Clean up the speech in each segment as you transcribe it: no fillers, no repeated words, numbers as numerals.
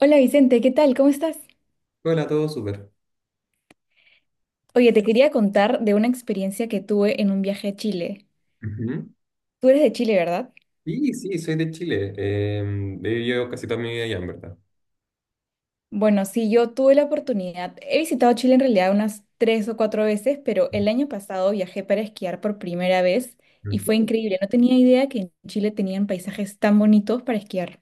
Hola Vicente, ¿qué tal? ¿Cómo estás? Hola, todo súper. Oye, te quería contar de una experiencia que tuve en un viaje a Chile. Ujú. Tú eres de Chile, ¿verdad? Sí, sí, soy de Chile. He vivido casi toda mi vida allá, en verdad. Bueno, sí, yo tuve la oportunidad. He visitado Chile en realidad unas tres o cuatro veces, pero el año pasado viajé para esquiar por primera vez y fue increíble. No tenía idea que en Chile tenían paisajes tan bonitos para esquiar.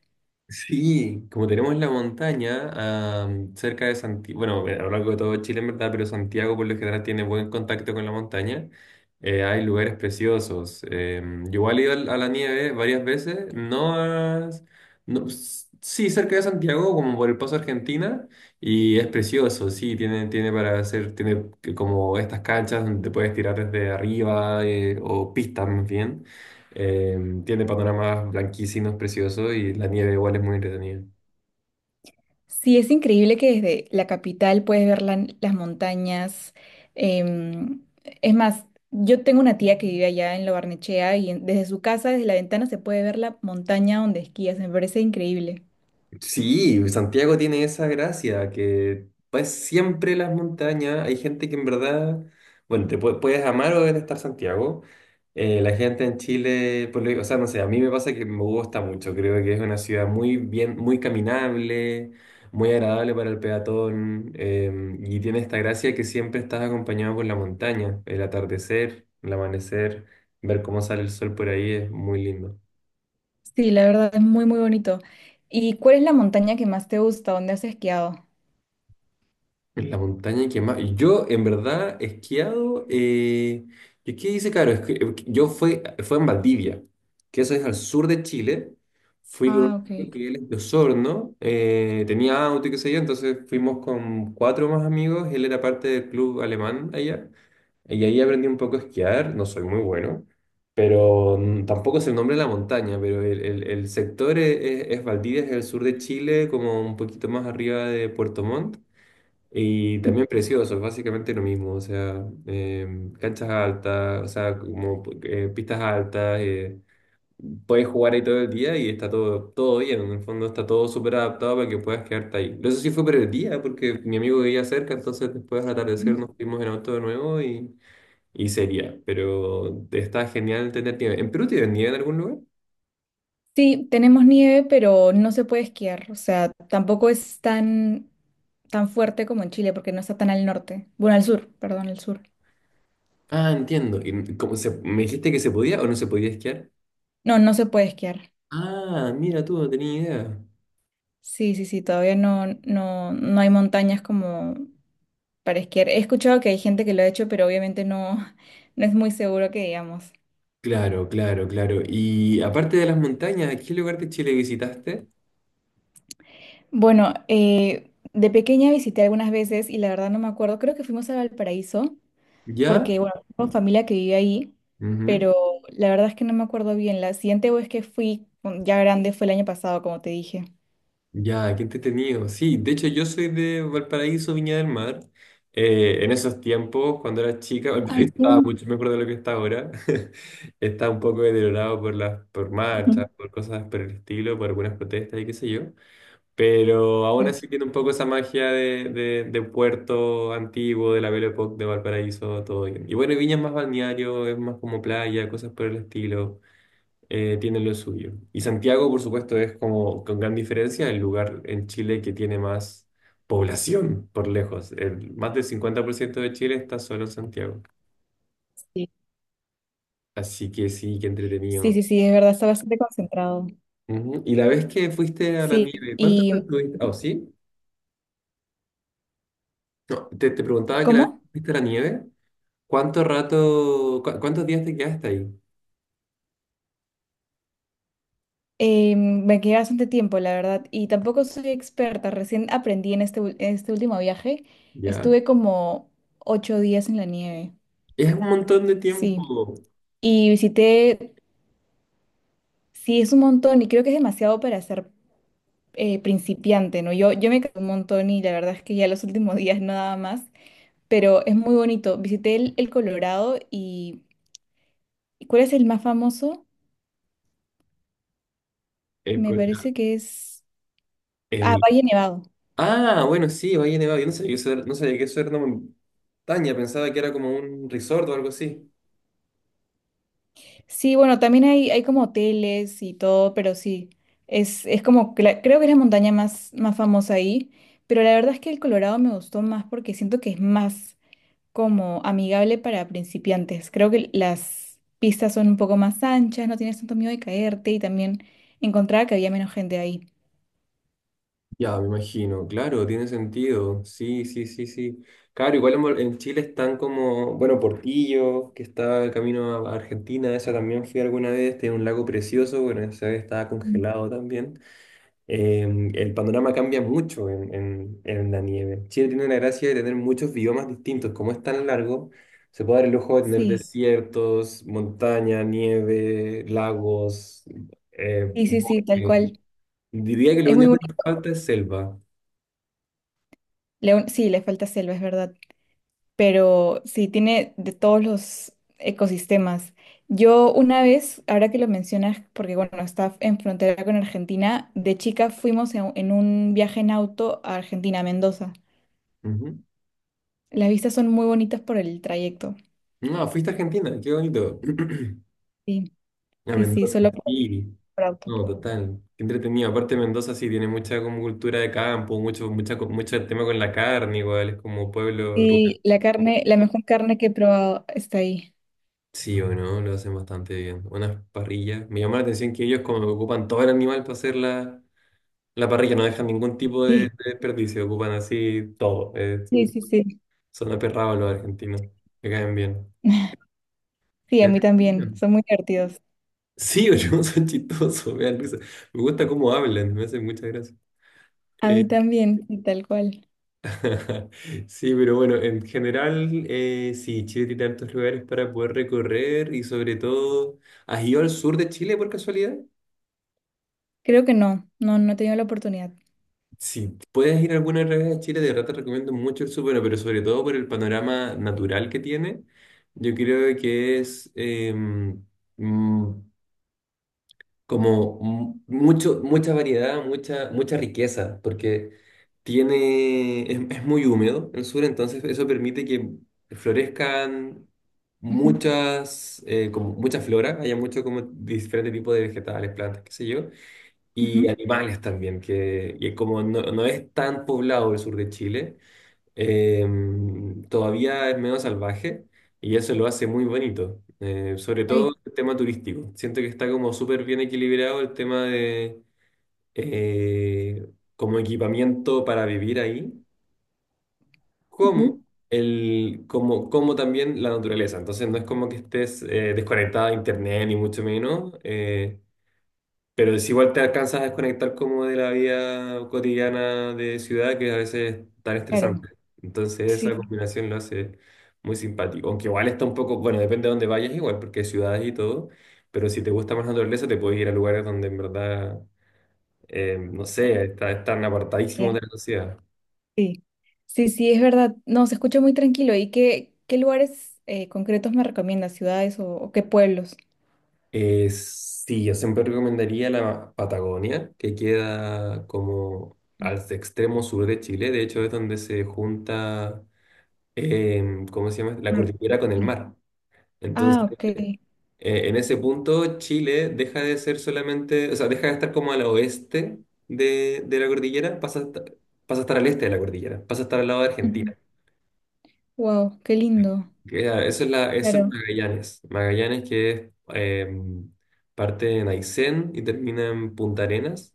Sí, como tenemos la montaña cerca de Santiago, bueno, a lo largo de todo Chile en verdad, pero Santiago por lo general tiene buen contacto con la montaña, hay lugares preciosos. Yo igual he ido a la nieve varias veces, no, sí, cerca de Santiago, como por el Paso Argentina, y es precioso, sí, tiene para hacer, como estas canchas donde te puedes tirar desde arriba, o pistas más bien. Tiene panoramas blanquísinos, preciosos, y la nieve igual es muy entretenida. Sí, es increíble que desde la capital puedes ver las montañas. em, es más, yo tengo una tía que vive allá en La Barnechea desde su casa, desde la ventana, se puede ver la montaña donde esquías. Me parece increíble. Sí, Santiago tiene esa gracia que pues siempre las montañas, hay gente que en verdad, bueno, te puedes amar o detestar Santiago. La gente en Chile, o sea, no sé, a mí me pasa que me gusta mucho, creo que es una ciudad muy bien, muy caminable, muy agradable para el peatón, y tiene esta gracia que siempre estás acompañado por la montaña, el atardecer, el amanecer, ver cómo sale el sol por ahí es muy lindo. Sí, la verdad es muy, muy bonito. ¿Y cuál es la montaña que más te gusta? ¿Dónde has esquiado? En la montaña que más. Yo, en verdad, he esquiado. ¿Qué dice, claro? Es que yo fue en Valdivia, que eso es al sur de Chile. Fui con un Ah, amigo ok. que él es de Osorno. Tenía auto y qué sé yo. Entonces fuimos con cuatro más amigos. Él era parte del club alemán allá. Y ahí aprendí un poco a esquiar. No soy muy bueno. Pero tampoco es el nombre de la montaña. Pero el sector es Valdivia, es el sur de Chile, como un poquito más arriba de Puerto Montt. Y también precioso, básicamente lo mismo, o sea, canchas altas, o sea, como pistas altas, puedes jugar ahí todo el día y está todo, todo bien, en el fondo está todo súper adaptado para que puedas quedarte ahí. Pero eso sí fue por el día, porque mi amigo vivía cerca, entonces después al atardecer Ujú. nos fuimos en auto de nuevo, y sería, pero está genial tener nieve. ¿En Perú tienen nieve en algún lugar? Sí, tenemos nieve, pero no se puede esquiar. O sea, tampoco es tan, fuerte como en Chile porque no está tan al norte. Bueno, al sur, perdón, al sur. Ah, entiendo. ¿Y cómo me dijiste que se podía o no se podía esquiar? No, no se puede esquiar. Ah, mira tú, no tenía idea. Sí, sí, sí, todavía no, no hay montañas como para esquiar. He escuchado que hay gente que lo ha hecho, pero obviamente no, no es muy seguro que digamos. Claro, claro, claro. Y aparte de las montañas, ¿a ¿qué lugar de Chile visitaste? Bueno, de pequeña visité algunas veces y la verdad no me acuerdo. Creo que fuimos a Valparaíso ¿Ya? porque, bueno, tengo familia que vive ahí, Ujú. pero la verdad es que no me acuerdo bien. La siguiente vez que fui, ya grande, fue el año pasado, como te dije. Ya, qué entretenido. Sí, de hecho yo soy de Valparaíso, Viña del Mar. En esos tiempos, cuando era chica, Ay, Valparaíso qué estaba bonito. mucho mejor de lo que está ahora. Está un poco deteriorado por marchas, por cosas por el estilo, por algunas protestas y qué sé yo. Pero aún Sí, así tiene un poco esa magia de puerto antiguo, de la Belle Époque, de Valparaíso, todo bien. Y bueno, Viña es más balneario, es más como playa, cosas por el estilo, tiene lo suyo. Y Santiago, por supuesto, es como con gran diferencia el lugar en Chile que tiene más población por lejos. Más del 50% de Chile está solo en Santiago. sí, Así que sí, qué sí, entretenido. sí, sí, es verdad, está bastante concentrado. Ujú. Y la vez que fuiste a la Sí, nieve, ¿cuántas horas y estuviste? Oh, sí. No, te preguntaba que la vez ¿cómo? que fuiste a la nieve. ¿Cuánto rato, cuántos días te quedaste ahí? Me quedé bastante tiempo, la verdad, y tampoco soy experta. Recién aprendí en este último viaje. Ya. Estuve como 8 días en la nieve, Es un montón de sí. tiempo. Y visité, sí, es un montón y creo que es demasiado para ser principiante, ¿no? Yo me cansé un montón y la verdad es que ya los últimos días no daba más, pero es muy bonito. Visité el Colorado y ¿cuál es el más famoso? El, Me cu- parece que es... Ah, el- Valle Nevado. Ah, bueno, sí, Valle Nevado. Yo no sabía, que eso era- no sabía que eso era una montaña. Pensaba que era como un resort o algo así. Sí, bueno, también hay como hoteles y todo, pero sí, es como, que creo que es la montaña más, más famosa ahí, pero la verdad es que el Colorado me gustó más porque siento que es más como amigable para principiantes. Creo que las pistas son un poco más anchas, no tienes tanto miedo de caerte y también encontraba que había menos gente ahí. Ya, me imagino. Claro, tiene sentido. Sí, sí, sí, sí. Claro, igual en Chile están como, bueno, Portillo, que está el camino a Argentina. Esa también fui alguna vez. Tiene un lago precioso. Bueno, esa vez estaba Mm. congelado también. eh, el panorama cambia mucho en la nieve. Chile tiene la gracia de tener muchos biomas distintos. Como es tan largo, se puede dar el lujo de tener Sí, desiertos, montaña, nieve, lagos, sí, sí, sí, tal bosque. cual. Diría que lo Es muy único que nos bonito. falta es selva. Sí, le falta selva, es verdad. Pero sí tiene de todos los ecosistemas. Yo una vez, ahora que lo mencionas, porque bueno, está en frontera con Argentina, de chica fuimos en un viaje en auto a Argentina, a Mendoza. Ujú. Las vistas son muy bonitas por el trayecto. No, fuiste a Argentina, qué bonito. Sí, A sí, sí, Mendoza, solo por, sí. por auto. No, total. Qué entretenido. Aparte, Mendoza sí tiene mucha como cultura de campo, mucho tema con la carne, igual. Es como pueblo rural. Sí, la carne, la mejor carne que he probado está ahí. Sí o no, lo hacen bastante bien. Unas parrillas. Me llama la atención que ellos como que ocupan todo el animal para hacer la parrilla, no dejan ningún tipo de Sí, desperdicio, ocupan así todo. Sí, sí, sí. Son aperrados los argentinos. Me caen bien. Sí, a mí ¿Quién? también, son muy divertidos. Sí o no, son chistosos, me dan risa. Me gusta cómo hablan, me hacen mucha gracia. A Eh, mí también, sí, tal cual. sí, pero bueno, en general, sí, Chile tiene tantos lugares para poder recorrer y sobre todo, ¿has ido al sur de Chile por casualidad? Creo que no, no he tenido la oportunidad. Si puedes ir alguna vez a Chile, de verdad te recomiendo mucho el Súper, pero sobre todo por el panorama natural que tiene. Yo creo que es mm, como mucho, mucha variedad, mucha, mucha riqueza, porque es muy húmedo el sur, entonces eso permite que florezcan Ujú, muchas, como mucha flora, haya mucho como diferente tipo de vegetales, plantas, qué sé yo, ujú. y animales también, y como no, no es tan poblado el sur de Chile, eh, todavía es menos salvaje, y eso lo hace muy bonito, sobre todo Ay, el tema turístico. Siento que está como súper bien equilibrado el tema de eh, como equipamiento para vivir ahí, como, ujú, como también la naturaleza. Entonces no es como que estés desconectado a internet ni mucho menos. Pero si igual te alcanzas a desconectar como de la vida cotidiana de ciudad, que a veces es tan estresante. claro, Entonces sí, esa combinación lo hace muy simpático. Aunque igual está un poco, bueno, depende de dónde vayas igual, porque hay ciudades y todo, pero si te gusta más la naturaleza, te puedes ir a lugares donde en verdad, no sé, están ya, apartadísimos de la sociedad. sí, sí, sí, es verdad. No, se escucha muy tranquilo. ¿Y qué lugares concretos me recomiendas? ¿Ciudades o qué pueblos? Sí, yo siempre recomendaría la Patagonia, que queda como al extremo sur de Chile. De hecho, es donde se junta ¿cómo se llama? La Claro, cordillera con el ya. mar. Ah, Entonces, ok. En ese punto, Chile deja de ser solamente, o sea, deja de estar como al oeste de la cordillera, pasa a estar al este de la cordillera, pasa a estar al lado de Argentina. Wow, qué lindo. Ah, eso es Claro. Magallanes. Magallanes que es, parte en Aysén y termina en Punta Arenas.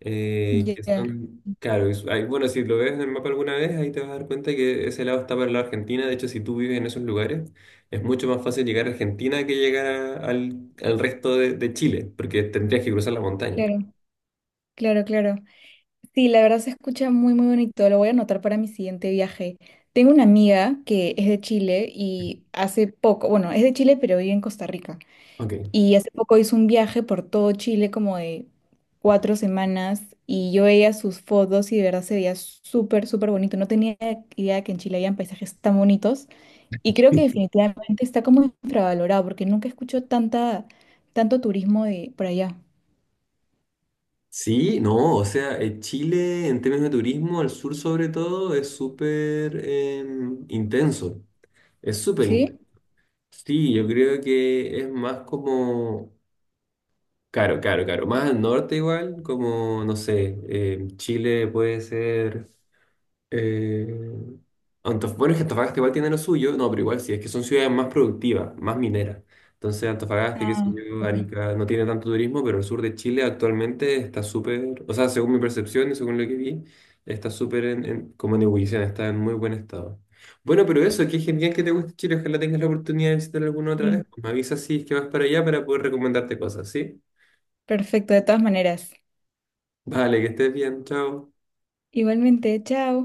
Que Ya, son, claro, bueno, si lo ves en el mapa alguna vez, ahí te vas a dar cuenta que ese lado está para la Argentina. De hecho, si tú vives en esos lugares, es mucho más fácil llegar a Argentina que llegar al resto de Chile, porque tendrías que cruzar la montaña. claro, claro, claro. Sí, la verdad se escucha muy, muy bonito. Lo voy a anotar para mi siguiente viaje. Tengo una amiga que es de Chile y hace poco, bueno, es de Chile, pero vive en Costa Rica. Ok. Y hace poco hizo un viaje por todo Chile como de 4 semanas y yo veía sus fotos y de verdad se veía súper, súper bonito. No tenía idea de que en Chile habían paisajes tan bonitos y creo que definitivamente está como infravalorado porque nunca escucho tanta, tanto turismo de por allá. Sí, no, o sea, Chile en términos de turismo, al sur sobre todo, es súper intenso. Es súper intenso. ¿Sí? Sí, yo creo que es más como Claro, claro, claro. Más al norte igual, como, no sé, Chile puede ser. eh, Antofagasta, bueno, es que Antofagasta igual tiene lo suyo, no, pero igual sí, es que son ciudades más productivas, más mineras. Entonces Antofagasta, qué sé Ah, yo, ok. Arica, no tiene tanto turismo, pero el sur de Chile actualmente está súper, o sea, según mi percepción y según lo que vi, está súper como en ebullición, está en muy buen estado. Bueno, pero eso, qué genial que te guste Chile, ojalá tengas la oportunidad de visitar alguna otra vez. Sí. Pues me avisas si es que vas para allá para poder recomendarte cosas, ¿sí? Perfecto, de todas maneras. Vale, que estés bien, chao. Igualmente, chao.